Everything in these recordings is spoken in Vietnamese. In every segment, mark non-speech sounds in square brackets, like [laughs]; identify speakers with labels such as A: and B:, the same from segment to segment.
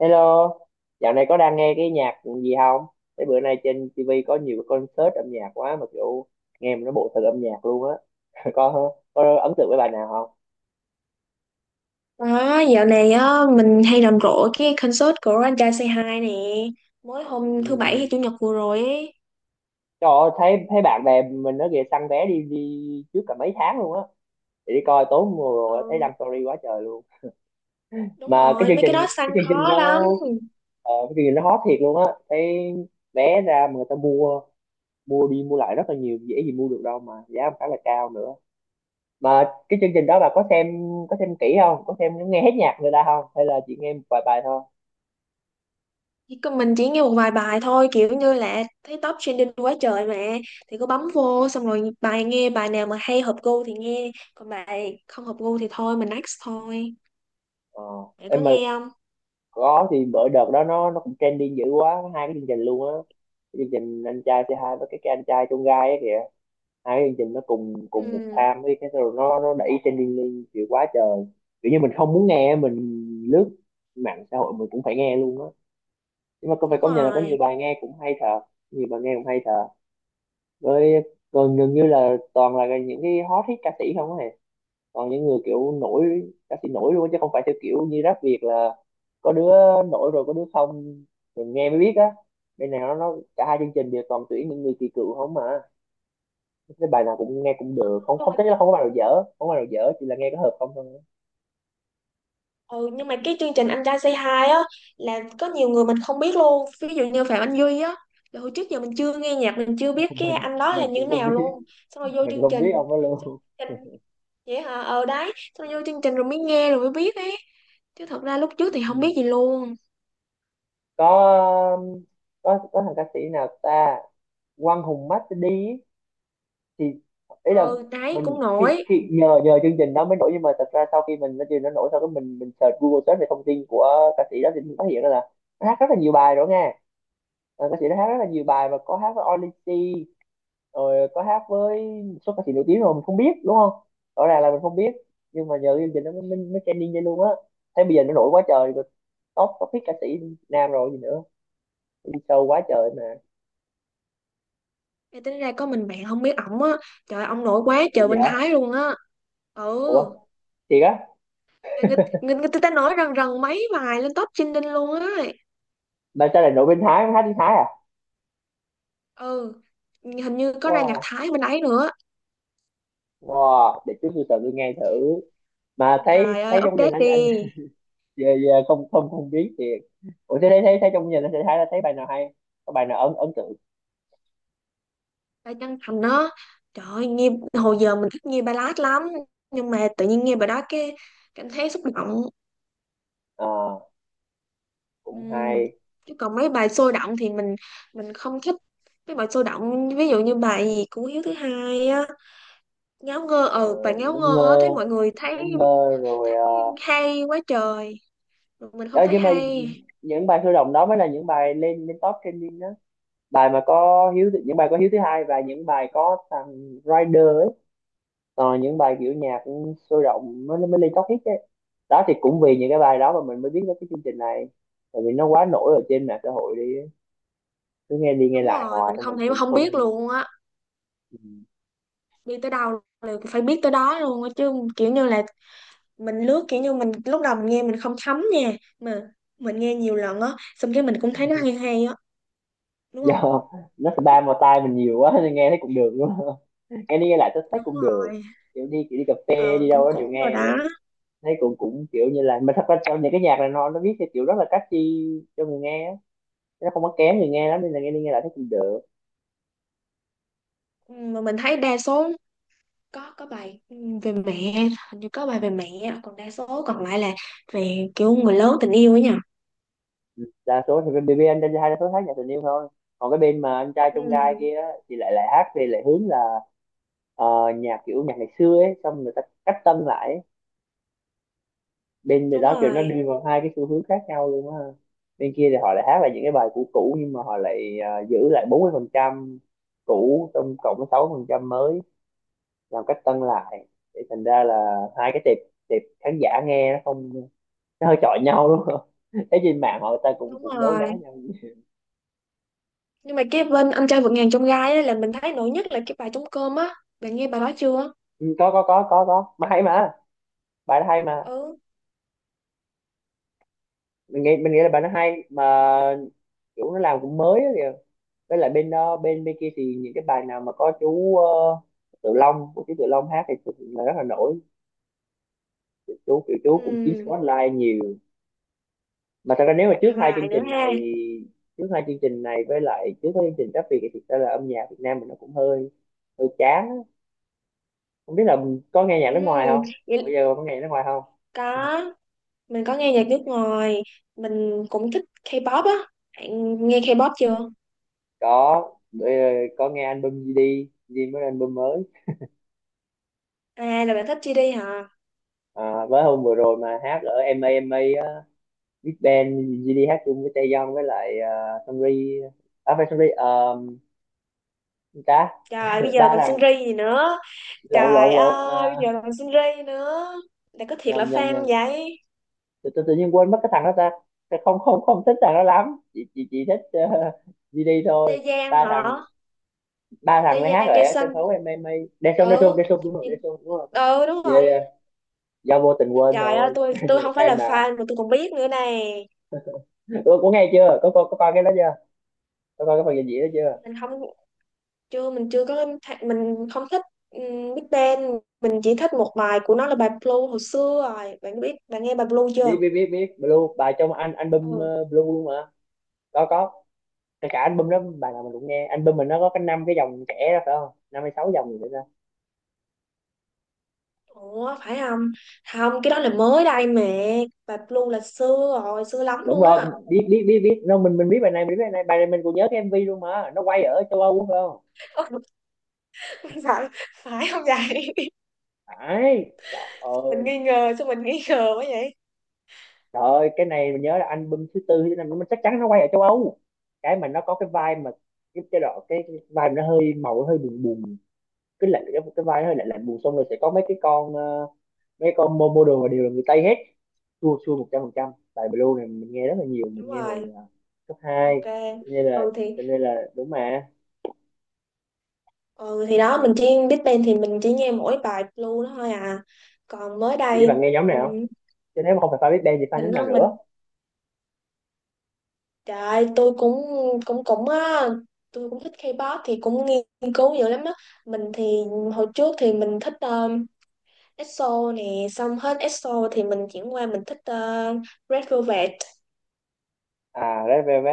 A: Hello, dạo này có đang nghe cái nhạc gì không? Thế bữa nay trên TV có nhiều cái concert âm nhạc quá mà kiểu nghe mà nó bộ thật âm nhạc luôn á. [laughs] Có ấn tượng với bài nào không? [laughs]
B: Đó, dạo này á, mình hay rầm rộ cái concert của anh trai Say Hi nè. Mới
A: Ừ.
B: hôm thứ bảy hay chủ nhật vừa rồi ấy.
A: Trời ơi, thấy thấy bạn bè mình nó kìa săn vé đi đi trước cả mấy tháng luôn á. Để đi coi tốn mùa rồi thấy
B: Ừ,
A: đăng story quá trời luôn.
B: đúng
A: Mà cái
B: rồi,
A: chương
B: mấy cái
A: trình
B: đó săn
A: cái chương trình
B: khó
A: nó
B: lắm.
A: ờ, cái chương trình nó hot thiệt luôn á. Thấy vé ra mà người ta mua mua đi mua lại rất là nhiều, dễ gì mua được đâu mà giá khá là cao nữa. Mà cái chương trình đó bà có xem, có xem kỹ không, có xem nghe hết nhạc người ta không hay là chỉ nghe một vài bài thôi?
B: Chỉ có Mình chỉ nghe một vài bài thôi. Kiểu như là thấy top trending quá trời mà. Thì cứ bấm vô xong rồi nghe bài nào mà hay hợp gu thì nghe. Còn bài không hợp gu thì thôi, mình next thôi.
A: ờ
B: Bạn có
A: em mà
B: nghe không?
A: có thì bữa đợt đó nó cũng trending dữ quá, có hai cái chương trình luôn á. Cái chương trình anh trai c hai với cái anh trai trong gai á kìa, hai cái chương trình nó cùng cùng một
B: Ừ,
A: time với cái rồi nó đẩy trending lên kiểu quá trời. Kiểu như mình không muốn nghe, mình lướt mạng xã hội mình cũng phải nghe luôn á. Nhưng mà có phải
B: đúng
A: công nhận là có nhiều
B: rồi.
A: bài nghe cũng hay thật, nhiều bài nghe cũng hay thật. Với gần gần như là toàn là những cái hot hit ca sĩ không á, còn những người kiểu nổi, ca sĩ nổi luôn chứ không phải theo kiểu như rap Việt là có đứa nổi rồi có đứa không, mình nghe mới biết á. Bên này nó cả hai chương trình đều toàn tuyển những người kỳ cựu không mà, cái bài nào cũng nghe cũng được, không không thấy là không có bài nào dở, không có bài nào dở, chỉ là nghe có hợp không thôi.
B: Ừ, nhưng mà cái chương trình Anh Trai Say Hi á là có nhiều người mình không biết luôn, ví dụ như Phạm Anh Duy á, là hồi trước giờ mình chưa nghe nhạc, mình chưa
A: [laughs]
B: biết cái
A: mình
B: anh đó là
A: mình
B: như thế
A: cũng không
B: nào
A: biết,
B: luôn. Xong rồi vô
A: mình
B: chương
A: không
B: trình,
A: biết ông đó
B: chương
A: luôn.
B: trình vậy hả? Ờ Đấy, xong rồi vô chương trình rồi mới nghe rồi mới biết ấy, chứ thật ra lúc trước thì không
A: Ừ.
B: biết gì luôn.
A: có có có thằng ca sĩ nào ta, Quang Hùng Master D ấy, thì ý là
B: Ừ đấy, cũng
A: mình khi
B: nổi.
A: khi nhờ nhờ chương trình đó mới nổi, nhưng mà thật ra sau khi mình nó chưa nó nổi sau cái mình search Google, search về thông tin của ca sĩ đó thì mình phát hiện ra là nó hát rất là nhiều bài rồi nghe. Ờ, ca sĩ đó hát rất là nhiều bài, mà có hát với Odyssey rồi có hát với một số ca sĩ nổi tiếng rồi mình không biết, đúng không, rõ ràng là mình không biết. Nhưng mà nhờ chương trình nó mới mới, mới trending lên luôn á, thế bây giờ nó nổi quá trời rồi, top top hit ca sĩ nam rồi gì nữa, đi show quá trời mà.
B: Thì tính ra có mình bạn không biết ổng á. Trời ơi, ông nổi quá
A: Ủa
B: trời bên
A: dạ,
B: Thái luôn á. Ừ.
A: ủa thiệt á?
B: Người ta nói rần rần mấy bài lên top trending luôn á.
A: Bạn sao lại nổi bên Thái, hát tiếng Thái à?
B: Ừ, hình như có ra nhạc
A: Wow.
B: Thái bên ấy nữa.
A: Wow, để chút tôi tôi nghe thử. Mà thấy
B: Trời ơi
A: thấy trong gia đình
B: update
A: anh
B: đi.
A: về không không không biết thì. Ủa thế thấy thấy thấy trong gia đình anh, thấy thấy bài nào hay? Có bài nào ấn ấn tượng?
B: Phải chân thành đó. Trời ơi nghe, hồi giờ mình thích nghe ballad lắm. Nhưng mà tự nhiên nghe bài đó cái cảm thấy xúc động.
A: Ờ, cũng
B: Ừm.
A: hay.
B: Chứ còn mấy bài sôi động thì mình không thích. Mấy bài sôi động ví dụ như bài gì của Hiếu thứ hai á. Ngáo ngơ.
A: Ờ,
B: Ừ, bài ngáo
A: ngớ
B: ngơ á,
A: ngơ,
B: thấy mọi người thấy
A: ngớ ngơ rồi.
B: thấy
A: Ờ.
B: hay quá trời. Mình không
A: Ờ,
B: thấy
A: nhưng mà
B: hay.
A: những bài sôi động đó mới là những bài lên lên top trending đó. Bài mà có hiếu thứ- Những bài có hiếu thứ hai và những bài có thằng Rider ấy. Ờ, những bài kiểu nhạc cũng sôi động mới mới lên top hit đấy đó, thì cũng vì những cái bài đó mà mình mới biết đến cái chương trình này, tại vì nó quá nổi ở trên mạng xã hội đi ấy. Cứ nghe đi nghe
B: Đúng
A: lại
B: rồi.
A: hoài
B: Mình
A: thôi mình
B: không thể
A: cũng
B: không biết
A: thân.
B: luôn á. Đi tới đâu là phải biết tới đó luôn á. Chứ kiểu như là mình lướt, kiểu như mình lúc đầu mình nghe mình không thấm nha, mà mình nghe nhiều lần á, xong cái mình cũng thấy nó hay hay á,
A: [laughs]
B: đúng không?
A: Do nó spam vào tai mình nhiều quá nên nghe thấy cũng được đúng không? [laughs] Nghe đi nghe lại tôi thấy
B: Đúng
A: cũng được,
B: rồi.
A: kiểu đi cà phê
B: Ờ,
A: đi đâu
B: cũng
A: đó đều
B: cũng rồi
A: nghe
B: đó.
A: thôi. Thấy cũng cũng kiểu như là, mà thật ra trong những cái nhạc này nó viết theo kiểu rất là catchy cho người nghe á, nó không có kén người nghe lắm nên là nghe đi nghe lại thấy cũng được.
B: Ừ, mà mình thấy đa số có bài ừ, về mẹ, hình như có bài về mẹ, còn đa số còn lại là về kiểu người lớn, tình yêu ấy nhỉ.
A: Đa số thì bên BB anh trai hai đa số hát nhạc tình yêu thôi, còn cái bên mà anh trai trong gai
B: Ừ
A: kia á, thì lại lại hát thì lại hướng là ờ, nhạc kiểu nhạc ngày xưa ấy xong người ta cách tân lại ấy. Bên bên
B: đúng
A: đó kiểu nó
B: rồi,
A: đi vào hai cái xu hướng khác nhau luôn á, bên kia thì họ lại hát lại những cái bài cũ cũ nhưng mà họ lại giữ lại 40% cũ trong cộng với 6% mới, làm cách tân lại, thì thành ra là hai cái tệp tệp khán giả nghe nó không, nó hơi chọi nhau đúng không. [laughs] Thấy trên mạng họ ta cũng
B: đúng
A: cũng đấu đá
B: rồi.
A: nhau.
B: Nhưng mà cái bên anh trai vượt ngàn chông gai á là mình thấy nổi nhất là cái bài trống cơm á. Bạn nghe bài đó chưa?
A: Ừ, có mà hay mà, bài nó hay mà,
B: ừ
A: mình nghĩ là bài nó hay mà, kiểu nó làm cũng mới á kìa. Với lại bên đó bên bên kia thì những cái bài nào mà có chú Tự Long, của chú Tự Long hát thì thực sự là rất là nổi, chú kiểu chú
B: ừ
A: cũng chiếm spotlight nhiều. Mà thật ra nếu mà
B: Hài nữa ha.
A: trước hai chương trình này với lại trước cái chương trình Rap Việt thì thực ra là âm nhạc Việt Nam mình nó cũng hơi hơi chán á. Không biết là mình có nghe nhạc nước ngoài
B: Ừ,
A: không, bữa
B: vậy
A: giờ có nghe nhạc nước ngoài không?
B: có. Mình có nghe nhạc nước ngoài, mình cũng thích K-pop á. Bạn nghe K-pop chưa?
A: Có, bữa giờ có nghe album GD, GD mới ra album mới.
B: À là bạn thích GD hả?
A: À, với hôm vừa rồi mà hát ở MA MA á, Big Bang, GD hát chung với Taeyong với lại Sunri, à phải Sunri, ta
B: Trời bây
A: ba
B: giờ còn
A: thằng,
B: Seung ri gì nữa.
A: lộn
B: Trời
A: lộn lộn
B: ơi bây
A: à,
B: giờ còn Seung ri nữa. Bạn có thiệt là
A: nhầm nhầm
B: fan không
A: nhầm
B: vậy?
A: tự nhiên quên mất cái thằng đó ta. Ta không không không thích thằng đó lắm, chị thích GD
B: Tê
A: thôi.
B: Giang
A: ba
B: hả?
A: thằng Ba
B: Tê
A: thằng lấy hát
B: Giang
A: ở
B: Daesun.
A: sân khấu em a em A. Daesung Daesung
B: Ừ,
A: Daesung đúng rồi,
B: thì-
A: Daesung đúng rồi.
B: ừ đúng
A: Yeah,
B: rồi.
A: yeah. Do vô tình quên
B: Trời ơi,
A: thôi.
B: tôi không
A: [laughs]
B: phải là
A: Fan mà.
B: fan mà tôi còn biết nữa nè.
A: Ủa, có nghe chưa, có coi, có coi cái đó chưa, có coi cái phần trình diễn đó chưa?
B: Mình không, chưa, mình chưa có th- mình không thích Big Bang. Mình chỉ thích một bài của nó là bài Blue hồi xưa rồi. Bạn nghe bài Blue chưa?
A: Biết biết biết Biết Blue, bài trong anh album
B: Ừ.
A: Blue luôn mà. Có cả album đó bài nào mình cũng nghe, album mình nó có cái năm cái dòng trẻ đó phải không, năm hay sáu dòng gì nữa đó ra.
B: Ủa phải không? Không, cái đó là mới đây mẹ. Bà Blue là xưa rồi, xưa lắm
A: Đúng
B: luôn á.
A: rồi, biết biết biết biết nó, mình biết bài này, mình biết bài này, bài này mình còn nhớ cái MV luôn mà nó quay ở châu Âu đúng không,
B: Ừ, [laughs] phải, phải không vậy? [laughs]
A: phải, trời
B: Sao mình
A: ơi.
B: nghi ngờ, sao mình nghi ngờ quá vậy?
A: Trời ơi cái này mình nhớ là album thứ tư thứ năm, nó chắc chắn nó quay ở châu Âu, cái mà nó có cái vai mà cái vai mà nó hơi màu, nó hơi buồn buồn, cái lạnh, cái vai nó hơi lạnh lạnh buồn xong rồi sẽ có mấy cái con mấy con model mà đều là người Tây hết. Chua chua 100%, tại Blue này mình nghe rất là nhiều, mình
B: Đúng
A: nghe hồi
B: rồi,
A: cấp hai,
B: ok.
A: cho nên là,
B: Ừ thì
A: cho nên là đúng mà.
B: ừ thì đó mình chỉ Big Bang thì mình chỉ nghe mỗi bài Blue đó thôi à. Còn mới
A: Vậy
B: đây
A: bạn nghe nhóm
B: ừ,
A: nào chứ, nếu mà không phải Five Big Bang thì fan
B: mình
A: nhóm
B: á,
A: nào
B: mình
A: nữa?
B: trời ơi, tôi cũng cũng cũng á tôi cũng thích K-pop thì cũng nghiên cứu dữ lắm á. Mình thì hồi trước thì mình thích EXO nè, xong hết EXO thì mình chuyển qua mình thích Red Velvet.
A: À Red Velvet,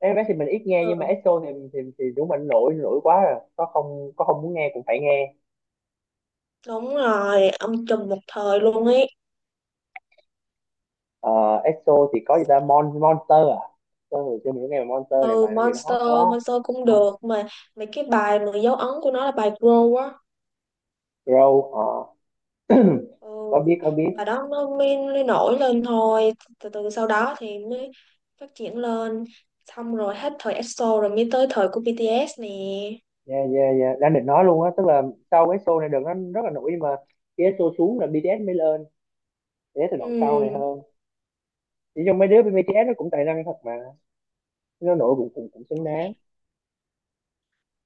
A: Red Velvet thì mình ít nghe, nhưng mà
B: Ừ
A: EXO thì thì đúng mình nổi, nổi quá rồi có không, có không muốn nghe cũng phải nghe.
B: đúng rồi, ông trùm một thời luôn ấy.
A: Ờ, EXO thì có gì ta, Monster à, tôi hồi xưa mình cũng nghe bài Monster này,
B: Ừ
A: bài nó gì nó hot
B: Monster,
A: quá.
B: Monster cũng
A: Không,
B: được mà. Mấy cái bài mà dấu ấn của nó là bài Grow á.
A: Grow ờ. [clears throat]
B: Ừ,
A: Có biết.
B: bài đó nó mới nổi lên thôi, từ từ sau đó thì mới phát triển lên. Xong rồi hết thời EXO rồi mới tới thời của BTS nè.
A: Dạ dạ dạ, đang định nói luôn á, tức là sau cái show này đợt nó rất là nổi, nhưng mà khi cái show xuống là BTS mới lên, để từ đoạn sau này
B: Ừ.
A: hơn. Chỉ trong mấy đứa bên BTS nó cũng tài năng thật mà, nó nổi cũng cũng cũng xứng đáng.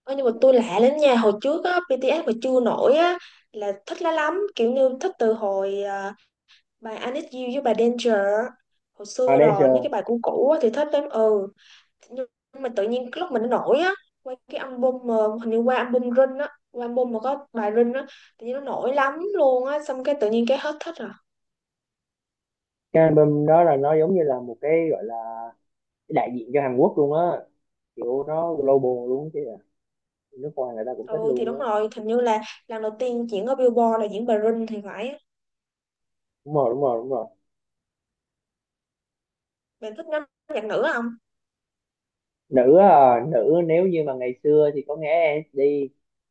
B: Ơ, nhưng mà tôi lạ lắm nha, hồi trước á BTS mà chưa nổi á là thích lá lắm, kiểu như thích từ hồi à, bài I Need You với bài Danger hồi
A: À
B: xưa rồi, mấy cái
A: Danger.
B: bài cũ cũ á thì thích lắm. Ừ, nhưng mà tự nhiên cái lúc mình nó nổi á, qua cái album mà hình như qua album Rin á, qua album mà có bài Rin á, tự nhiên nó nổi lắm luôn á, xong cái tự nhiên cái hết thích rồi.
A: Cái album đó là nó giống như là một cái gọi là cái đại diện cho Hàn Quốc luôn á, kiểu nó global luôn chứ à, nước ngoài người ta cũng thích
B: Ừ thì
A: luôn
B: đúng
A: á.
B: rồi, hình như là lần đầu tiên diễn ở Billboard là diễn bài Rin thì phải.
A: Đúng rồi.
B: Bạn thích nhóm nhạc nữ không?
A: Nữ à, nữ nếu như mà ngày xưa thì có nghe SNSD,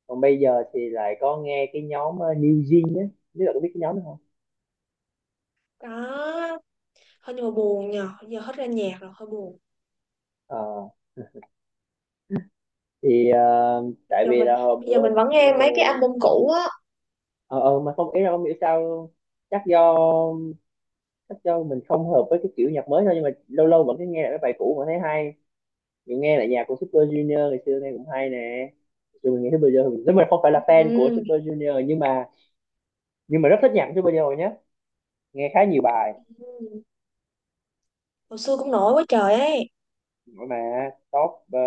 A: còn bây giờ thì lại có nghe cái nhóm New Jeans á, biết là có biết cái nhóm đó không?
B: Đó hơi, nhưng mà buồn nhờ giờ hết ra nhạc rồi, hơi buồn.
A: Ờ thì tại
B: Giờ
A: vì
B: mình
A: là hôm
B: Bây giờ
A: bữa,
B: mình vẫn
A: bữa
B: nghe mấy cái
A: hồ
B: album cũ á.
A: ờ, mà không, ý là không hiểu sao luôn. chắc do chắc do mình không hợp với cái kiểu nhạc mới thôi, nhưng mà lâu lâu vẫn cứ nghe lại cái bài cũ mà thấy hay. Mình nghe lại nhạc của Super Junior ngày xưa nghe cũng hay nè. Dù mình nghe Super Junior, nếu mình không phải
B: Ừ.
A: là fan của Super Junior, nhưng mà rất thích nhạc của Super Junior nhé, nghe khá nhiều bài
B: Hồi xưa cũng nổi quá trời ấy.
A: mà top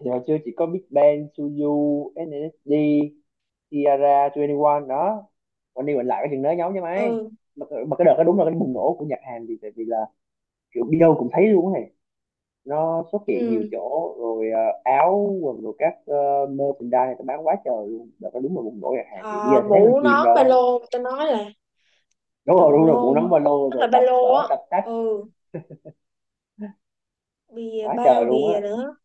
A: thì hồi xưa chỉ có Big Bang, Suzu, SNSD, Kiara 21 đó. Còn đi mình lại cái chuyện đó giống như mấy,
B: Ừ.
A: mà cái đợt đó đúng là cái bùng nổ của Nhật Hàn. Thì tại vì là kiểu đi đâu cũng thấy luôn này, nó xuất hiện nhiều
B: Ừ.
A: chỗ rồi, áo quần rồi các merchandise này tao bán quá trời luôn. Đợt đó đúng là bùng nổ Nhật Hàn, thì bây
B: Ờ,
A: giờ thì thấy hơi
B: mũ
A: chìm
B: nón ba
A: rồi.
B: lô người ta nói là
A: Đúng rồi,
B: trùm
A: đúng rồi, bộ nắm
B: luôn,
A: ba lô
B: nhất là
A: rồi
B: ba
A: tập
B: lô
A: vở
B: á.
A: tập tách
B: Ừ, bìa
A: quá
B: bao
A: trời luôn á.
B: bìa nữa.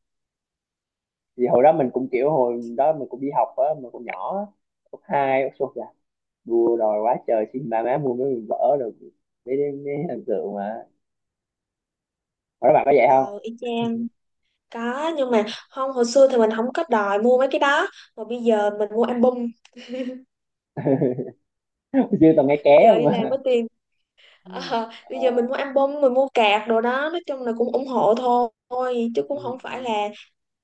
A: Thì hồi đó mình cũng kiểu, hồi đó mình cũng đi học á, mình cũng nhỏ á, cấp hai cấp số dạ, đua đòi quá trời, xin ba má mua mấy vở rồi mấy, mấy hình tượng mà. Các bạn có vậy
B: Ờ
A: không?
B: y chang, có, nhưng mà không, hồi xưa thì mình không có đòi mua mấy cái đó, mà bây giờ mình mua album,
A: [laughs] Chưa từng nghe ké
B: bây
A: [laughs]
B: giờ
A: không
B: đi làm
A: mà.
B: có tiền. Ờ, bây
A: Ờ,
B: giờ mình mua album, mình mua cạc đồ đó, nói chung là cũng ủng hộ thôi, chứ cũng
A: ừ,
B: không phải
A: ừ,
B: là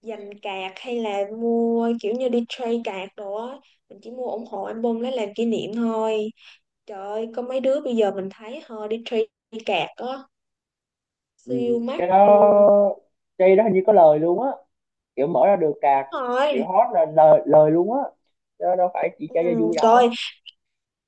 B: dành cạc hay là mua kiểu như đi trade cạc đồ á. Mình chỉ mua ủng hộ album lấy làm kỷ niệm thôi. Trời ơi có mấy đứa bây giờ mình thấy họ đi trade cạc á,
A: ừ.
B: siêu
A: Cái
B: mắc luôn.
A: đó, cái đó hình như có lời luôn á. Kiểu mở ra được cạc,
B: Đúng
A: kiểu
B: rồi.
A: hot là lời, lời luôn á. Đó đâu phải chỉ chơi cho
B: Ừ,
A: vui
B: trời ơi,
A: đâu.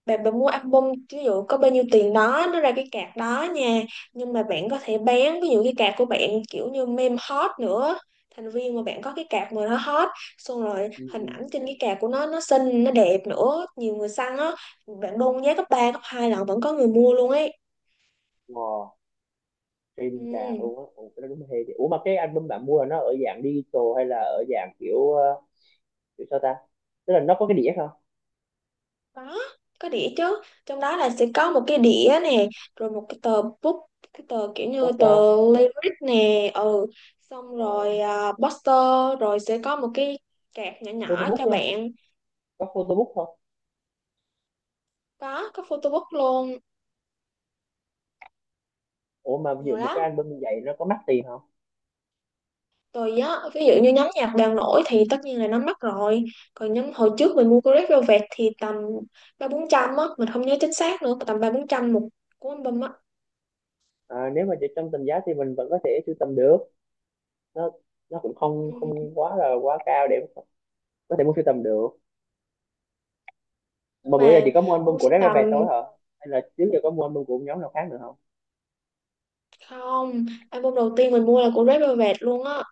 B: bạn bạn mua album ví dụ có bao nhiêu tiền đó nó ra cái card đó nha, nhưng mà bạn có thể bán ví dụ cái card của bạn, kiểu như meme hot nữa, thành viên mà bạn có cái card mà nó hot, xong rồi
A: Ừ,
B: hình
A: ừ.
B: ảnh trên cái card của nó xinh nó đẹp nữa, nhiều người săn á, bạn đôn giá gấp 3 gấp 2 lần vẫn có người mua luôn ấy.
A: Wow, trên cạc
B: Ừ.
A: luôn á. Ủa cái đó đúng là hay thiệt. Ủa mà cái album bạn mua là nó ở dạng digital hay là ở dạng kiểu kiểu sao ta? Tức là nó có cái đĩa không?
B: Có, có đĩa chứ. Trong đó là sẽ có một cái đĩa nè, rồi một cái tờ book, cái tờ kiểu như tờ
A: Poster,
B: lyric nè, ừ. Xong
A: uh,
B: rồi à, poster, rồi sẽ có một cái card nhỏ nhỏ
A: photobook
B: cho
A: không?
B: bạn.
A: Có photobook không?
B: Có photo book luôn,
A: Ủa mà ví dụ
B: nhiều
A: một cái
B: lắm.
A: album như vậy nó có mắc tiền không?
B: Rồi á, ví dụ như nhóm nhạc đang nổi thì tất nhiên là nó mắc rồi. Còn nhóm hồi trước mình mua của Red Velvet thì tầm ba bốn trăm á, mình không nhớ chính xác nữa, tầm ba bốn trăm một cuốn album á.
A: À, nếu mà chỉ trong tầm giá thì mình vẫn có thể sưu tầm được, nó nó cũng không
B: Ừ.
A: không quá là quá cao để có thể mua sưu tầm được. Mà
B: Nhưng
A: bữa
B: mà
A: giờ chỉ có mua album
B: mua
A: của
B: sưu
A: Red
B: tầm.
A: Velvet thôi hả, hay là trước giờ có mua album của nhóm nào khác nữa không?
B: Không, album đầu tiên mình mua là của Red Velvet luôn á,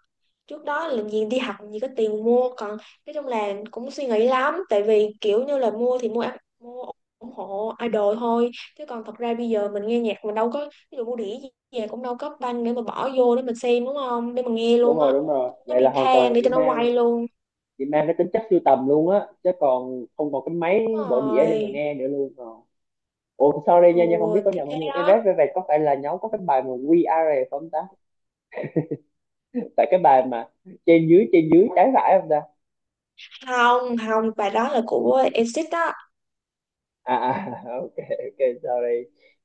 B: trước đó là gì đi học làm gì có tiền mua. Còn nói chung là cũng suy nghĩ lắm, tại vì kiểu như là mua thì mua ủng hộ idol thôi, chứ còn thật ra bây giờ mình nghe nhạc mình đâu có ví dụ mua đĩa gì về cũng đâu có banh để mà bỏ vô để mình xem, đúng không, để mình nghe
A: Đúng
B: luôn
A: rồi,
B: á,
A: đúng rồi,
B: có
A: vậy
B: đĩa
A: là hoàn toàn là
B: than để
A: chị
B: cho nó
A: mang,
B: quay luôn.
A: chỉ mang cái tính chất sưu tầm luôn á, chứ còn không còn cái máy
B: Đúng
A: bộ đĩa để mà
B: rồi.
A: nghe nữa luôn rồi. Ủa sorry
B: Ừ
A: nha, nha không biết có
B: thì
A: nhầm
B: thế
A: không, nhưng mà cái
B: đó.
A: Red Velvet có phải là nhóm có cái bài mà We Are Rồi không ta? Tại cái bài mà trên dưới trái phải không ta?
B: Không không, bài đó là của Exit đó.
A: À à, [laughs] ok ok sorry,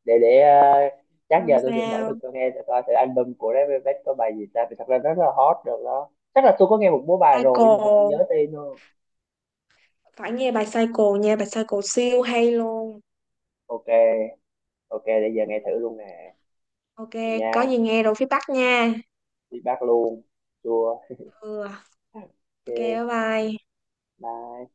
A: để chắc
B: Không
A: giờ tôi sẽ mở
B: sao.
A: thử, tôi nghe thử coi thử album của Red Velvet có bài gì ta, vì thật ra nó rất là hot rồi đó. Chắc là tôi có nghe một số bài rồi nhưng mà tôi không nhớ
B: Psycho,
A: tên nữa.
B: phải nghe bài Cycle nha, bài Cycle siêu hay luôn.
A: Ok, ok, để
B: Ừ.
A: giờ nghe thử luôn nè.
B: Ok,
A: Vậy
B: có
A: nha,
B: gì nghe rồi feedback nha.
A: đi bác luôn, chua,
B: Ừ. Ok bye
A: ok
B: bye.
A: bye